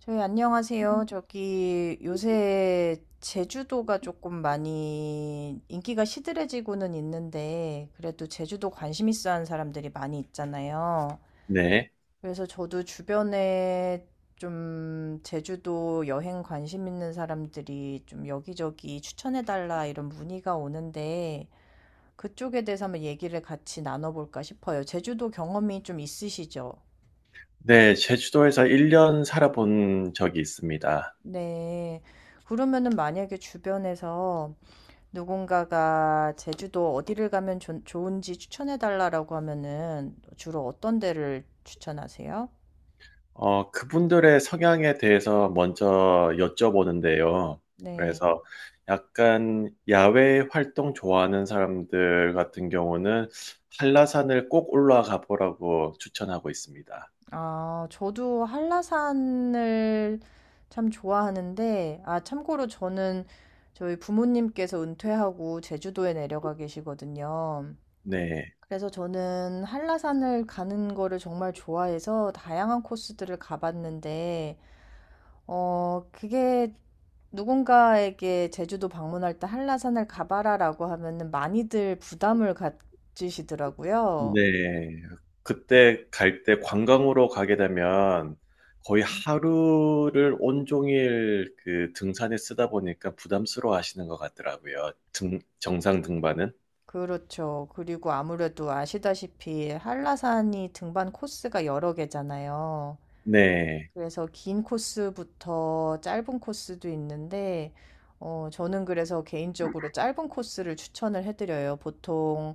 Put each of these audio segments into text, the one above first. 저희 안녕하세요. 저기 요새 제주도가 조금 많이 인기가 시들해지고는 있는데 그래도 제주도 관심 있어 하는 사람들이 많이 있잖아요. 네. 그래서 저도 주변에 좀 제주도 여행 관심 있는 사람들이 좀 여기저기 추천해달라 이런 문의가 오는데 그쪽에 대해서 한번 얘기를 같이 나눠볼까 싶어요. 제주도 경험이 좀 있으시죠? 네, 제주도에서 1년 살아본 적이 있습니다. 네. 그러면은 만약에 주변에서 누군가가 제주도 어디를 가면 좋은지 추천해달라라고 하면은 주로 어떤 데를 추천하세요? 그분들의 성향에 대해서 먼저 여쭤보는데요. 네. 그래서 약간 야외 활동 좋아하는 사람들 같은 경우는 한라산을 꼭 올라가 보라고 추천하고 있습니다. 아, 저도 한라산을 참 좋아하는데, 아, 참고로 저는 저희 부모님께서 은퇴하고 제주도에 내려가 계시거든요. 네. 그래서 저는 한라산을 가는 거를 정말 좋아해서 다양한 코스들을 가봤는데, 그게 누군가에게 제주도 방문할 때 한라산을 가봐라라고 하면은 많이들 부담을 가지시더라고요. 네. 그때 갈 때 관광으로 가게 되면 거의 하루를 온종일 그 등산에 쓰다 보니까 부담스러워 하시는 것 같더라고요. 정상 등반은. 그렇죠. 그리고 아무래도 아시다시피 한라산이 등반 코스가 여러 개잖아요. 네. 그래서 긴 코스부터 짧은 코스도 있는데, 저는 그래서 개인적으로 짧은 코스를 추천을 해드려요. 보통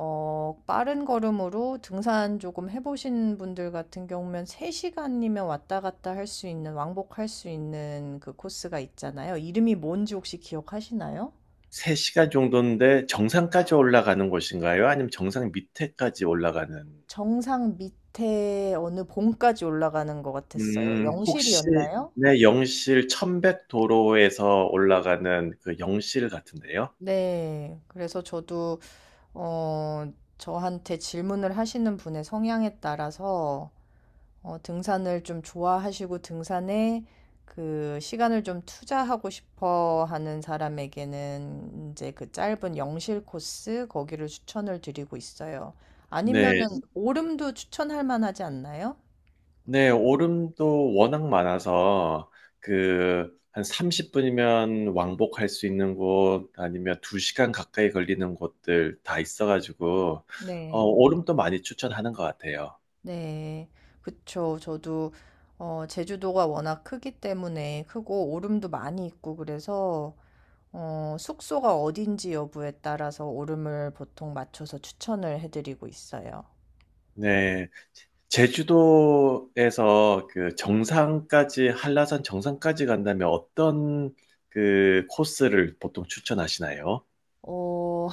빠른 걸음으로 등산 조금 해보신 분들 같은 경우면 3시간이면 왔다 갔다 할 수 있는, 왕복할 수 있는 그 코스가 있잖아요. 이름이 뭔지 혹시 기억하시나요? 3시간 정도인데 정상까지 올라가는 곳인가요? 아니면 정상 밑에까지 올라가는? 정상 밑에 어느 봉까지 올라가는 것 같았어요. 혹시 영실이었나요? 네, 영실 천백 도로에서 올라가는 그 영실 같은데요? 네. 그래서 저도, 어, 저한테 질문을 하시는 분의 성향에 따라서 등산을 좀 좋아하시고 등산에 그 시간을 좀 투자하고 싶어 하는 사람에게는 이제 그 짧은 영실 코스 거기를 추천을 드리고 있어요. 네. 아니면은 오름도 추천할 만하지 않나요? 네. 오름도 워낙 많아서 그 한 30분이면 왕복할 수 있는 곳 아니면 2시간 가까이 걸리는 곳들 다 있어 가지고 네, 오름도 많이 추천하는 것 같아요. 네, 그쵸. 저도 제주도가 워낙 크기 때문에 크고 오름도 많이 있고 그래서 숙소가 어딘지 여부에 따라서 오름을 보통 맞춰서 추천을 해드리고 있어요. 네. 제주도에서 그 정상까지, 한라산 정상까지 간다면 어떤 그 코스를 보통 추천하시나요? 어,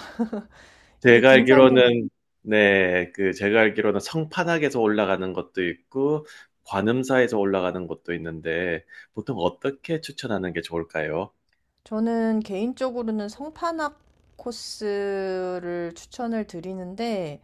이게 제가 등산을 알기로는, 네, 그 제가 알기로는 성판악에서 올라가는 것도 있고, 관음사에서 올라가는 것도 있는데, 보통 어떻게 추천하는 게 좋을까요? 저는 개인적으로는 성판악 코스를 추천을 드리는데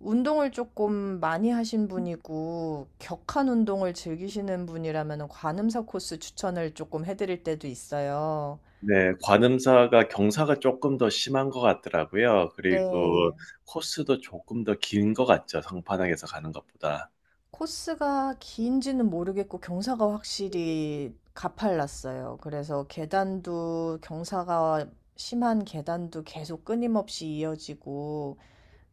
운동을 조금 많이 하신 분이고 격한 운동을 즐기시는 분이라면 관음사 코스 추천을 조금 해드릴 때도 있어요. 네, 관음사가 경사가 조금 더 심한 것 같더라고요. 그리고 네. 코스도 조금 더 긴 것 같죠. 성판악에서 가는 것보다. 코스가 긴지는 모르겠고 경사가 확실히 가팔랐어요. 그래서 계단도 경사가 심한 계단도 계속 끊임없이 이어지고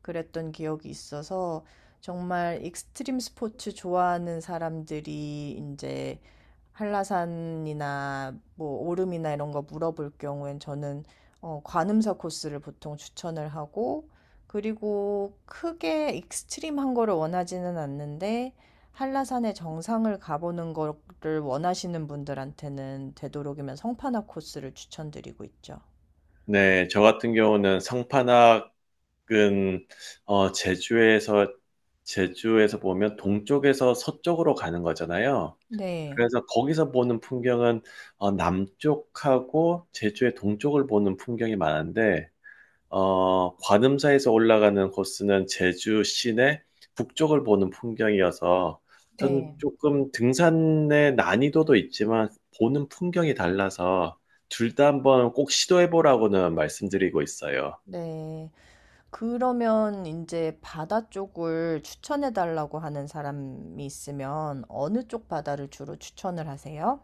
그랬던 기억이 있어서 정말 익스트림 스포츠 좋아하는 사람들이 이제 한라산이나 뭐 오름이나 이런 거 물어볼 경우엔 저는 관음사 코스를 보통 추천을 하고 그리고 크게 익스트림한 거를 원하지는 않는데 한라산의 정상을 가보는 거를 원하시는 분들한테는 되도록이면 성판화 코스를 추천드리고 있죠. 네, 저 같은 경우는 성판학은 어, 제주에서 제주에서 보면 동쪽에서 서쪽으로 가는 거잖아요. 네, 그래서 거기서 보는 풍경은 남쪽하고 제주의 동쪽을 보는 풍경이 많은데 관음사에서 올라가는 코스는 제주 시내 북쪽을 보는 풍경이어서 전 네, 조금 등산의 난이도도 있지만 보는 풍경이 달라서 둘 다 한번 꼭 시도해보라고는 말씀드리고 있어요. 네. 그러면 이제 바다 쪽을 추천해 달라고 하는 사람이 있으면 어느 쪽 바다를 주로 추천을 하세요?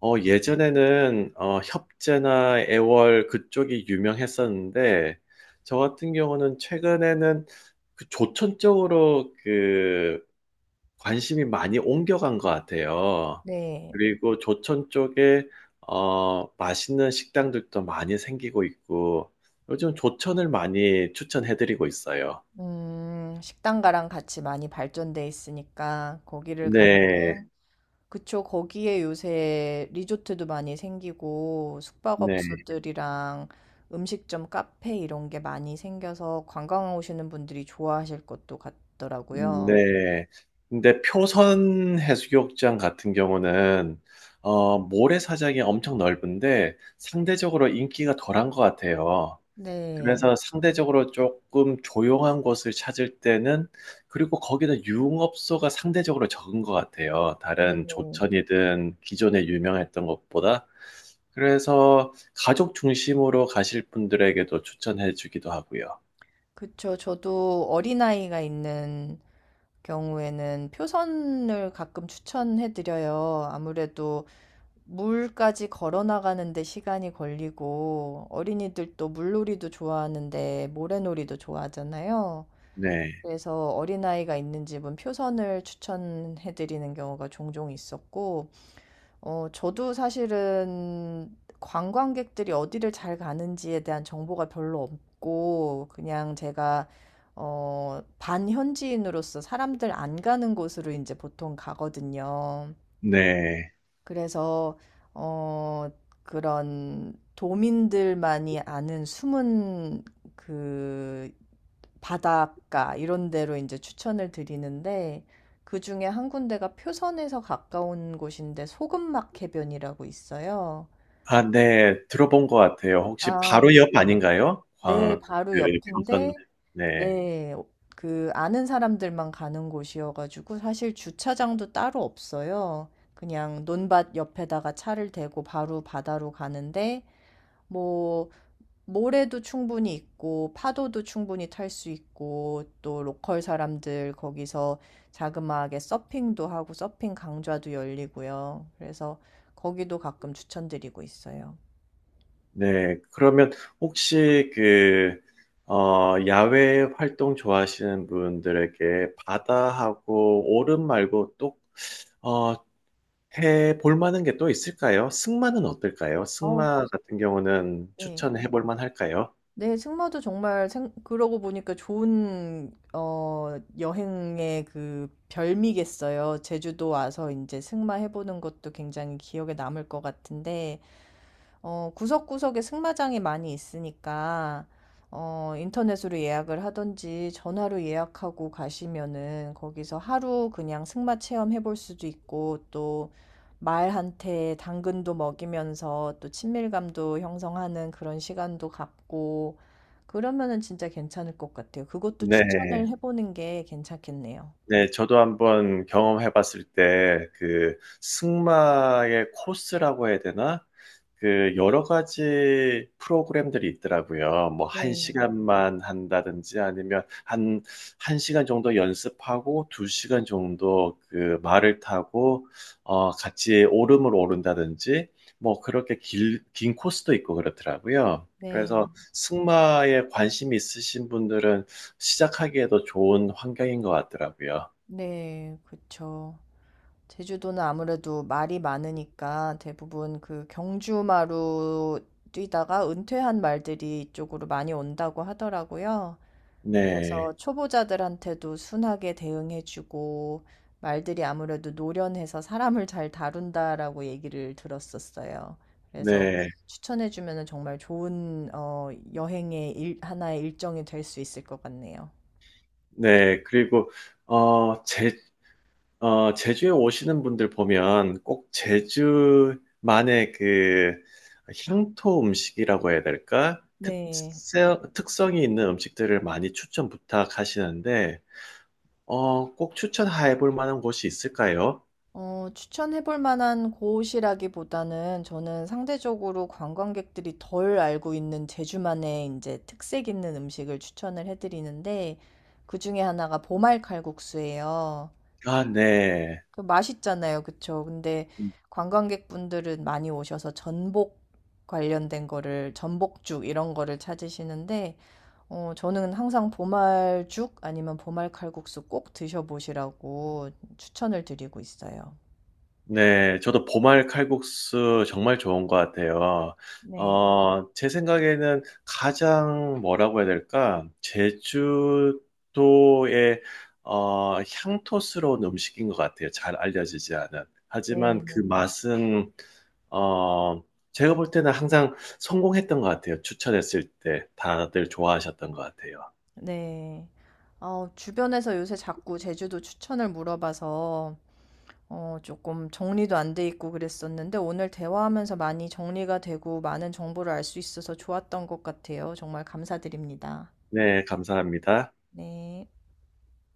예전에는 협재나 애월 그쪽이 유명했었는데 저 같은 경우는 최근에는 그 조천 쪽으로 그 관심이 많이 옮겨간 것 같아요. 네. 그리고 조천 쪽에 맛있는 식당들도 많이 생기고 있고 요즘 조천을 많이 추천해드리고 있어요. 식당가랑 같이 많이 발전돼 있으니까 거기를 가면은 네, 그쵸. 거기에 요새 리조트도 많이 생기고 네, 숙박업소들이랑 음식점, 카페 이런 게 많이 생겨서 관광 오시는 분들이 좋아하실 것도 같더라고요. 네. 근데 표선 해수욕장 같은 경우는 모래사장이 엄청 넓은데 상대적으로 인기가 덜한 것 같아요. 네. 그래서 상대적으로 조금 조용한 곳을 찾을 때는 그리고 거기다 유흥업소가 상대적으로 적은 것 같아요. 다른 네. 조천이든 기존에 유명했던 것보다. 그래서 가족 중심으로 가실 분들에게도 추천해 주기도 하고요. 그쵸. 저도 어린아이가 있는 경우에는 표선을 가끔 추천해드려요. 아무래도 물까지 걸어 나가는데 시간이 걸리고 어린이들도 물놀이도 좋아하는데 모래놀이도 좋아하잖아요. 네. 그래서 어린아이가 있는 집은 표선을 추천해드리는 경우가 종종 있었고 저도 사실은 관광객들이 어디를 잘 가는지에 대한 정보가 별로 없고, 그냥 제가, 반현지인으로서 사람들 안 가는 곳으로 이제 보통 가거든요. 네. 그래서 어 그런 도민들만이 아는 숨은 그 바닷가 이런 데로 이제 추천을 드리는데 그 중에 한 군데가 표선에서 가까운 곳인데 소금막 해변이라고 있어요. 아 네. 들어본 것 같아요. 혹시 아, 바로 옆 아닌가요? 네, 광 바로 그 표선 옆인데, 네. 네, 그 아는 사람들만 가는 곳이어가지고 사실 주차장도 따로 없어요. 그냥 논밭 옆에다가 차를 대고 바로 바다로 가는데, 뭐, 모래도 충분히 있고, 파도도 충분히 탈 수 있고, 또 로컬 사람들 거기서 자그마하게 서핑도 하고, 서핑 강좌도 열리고요. 그래서 거기도 가끔 추천드리고 있어요. 네, 그러면 혹시 그, 야외 활동 좋아하시는 분들에게 바다하고 오름 말고 또, 어, 해 볼 만한 게 또 있을까요? 승마는 어떨까요? 승마 같은 경우는 어, 추천해 볼 만할까요? 네. 승마도 정말 생 그러고 보니까 좋은 어 여행의 그 별미겠어요. 제주도 와서 이제 승마 해 보는 것도 굉장히 기억에 남을 것 같은데 구석구석에 승마장이 많이 있으니까, 인터넷으로 예약을 하든지 전화로 예약하고 가시면은 거기서 하루 그냥 승마 체험해 볼 수도 있고, 또 말한테 당근도 먹이면서 또 친밀감도 형성하는 그런 시간도 갖고, 그러면은 진짜 괜찮을 것 같아요. 그것도 네. 추천을 해보는 게 괜찮겠네요. 네, 저도 한번 경험해 봤을 때, 그, 승마의 코스라고 해야 되나? 그, 여러 가지 프로그램들이 있더라고요. 뭐, 한 네. 시간만 한다든지 아니면 한, 한 시간 정도 연습하고, 두 시간 정도 그 말을 타고, 같이 오름을 오른다든지, 뭐, 긴 코스도 있고 그렇더라고요. 네, 그래서 승마에 관심 있으신 분들은 시작하기에도 좋은 환경인 것 같더라고요. 네, 그쵸. 제주도는 아무래도 말이 많으니까 대부분 그 경주마로 뛰다가 은퇴한 말들이 이쪽으로 많이 온다고 하더라고요. 네, 그래서 초보자들한테도 순하게 대응해주고 말들이 아무래도 노련해서 사람을 잘 다룬다라고 얘기를 들었었어요. 그래서 네, 추천해주면 정말 좋은 여행의 하나의 일정이 될 수 있을 것 같네요. 네. 그리고, 어, 제, 제주에 오시는 분들 보면 꼭 제주만의 그 향토 음식이라고 해야 될까? 네. 특성이 있는 음식들을 많이 추천 부탁하시는데, 꼭 추천해 볼 만한 곳이 있을까요? 어, 추천해 볼 만한 곳이라기보다는 저는 상대적으로 관광객들이 덜 알고 있는 제주만의 이제 특색 있는 음식을 추천을 해 드리는데 그 중에 하나가 보말 칼국수예요. 아, 네. 그 맛있잖아요. 그쵸? 근데 관광객분들은 많이 오셔서 전복 관련된 거를 전복죽 이런 거를 찾으시는데 저는 항상 보말죽 아니면 보말 칼국수 꼭 드셔보시라고 추천을 드리고 있어요. 네, 저도 보말 칼국수 정말 좋은 것 같아요. 네. 제 생각에는 가장 뭐라고 해야 될까? 제주도의 향토스러운 음식인 것 같아요. 잘 알려지지 않은. 하지만 그 네. 맛은 어, 제가 볼 때는 항상 성공했던 것 같아요. 추천했을 때 다들 좋아하셨던 것 같아요. 네. 주변에서 요새 자꾸 제주도 추천을 물어봐서 조금 정리도 안 돼 있고 그랬었는데 오늘 대화하면서 많이 정리가 되고 많은 정보를 알 수 있어서 좋았던 것 같아요. 정말 감사드립니다. 네, 감사합니다. 네.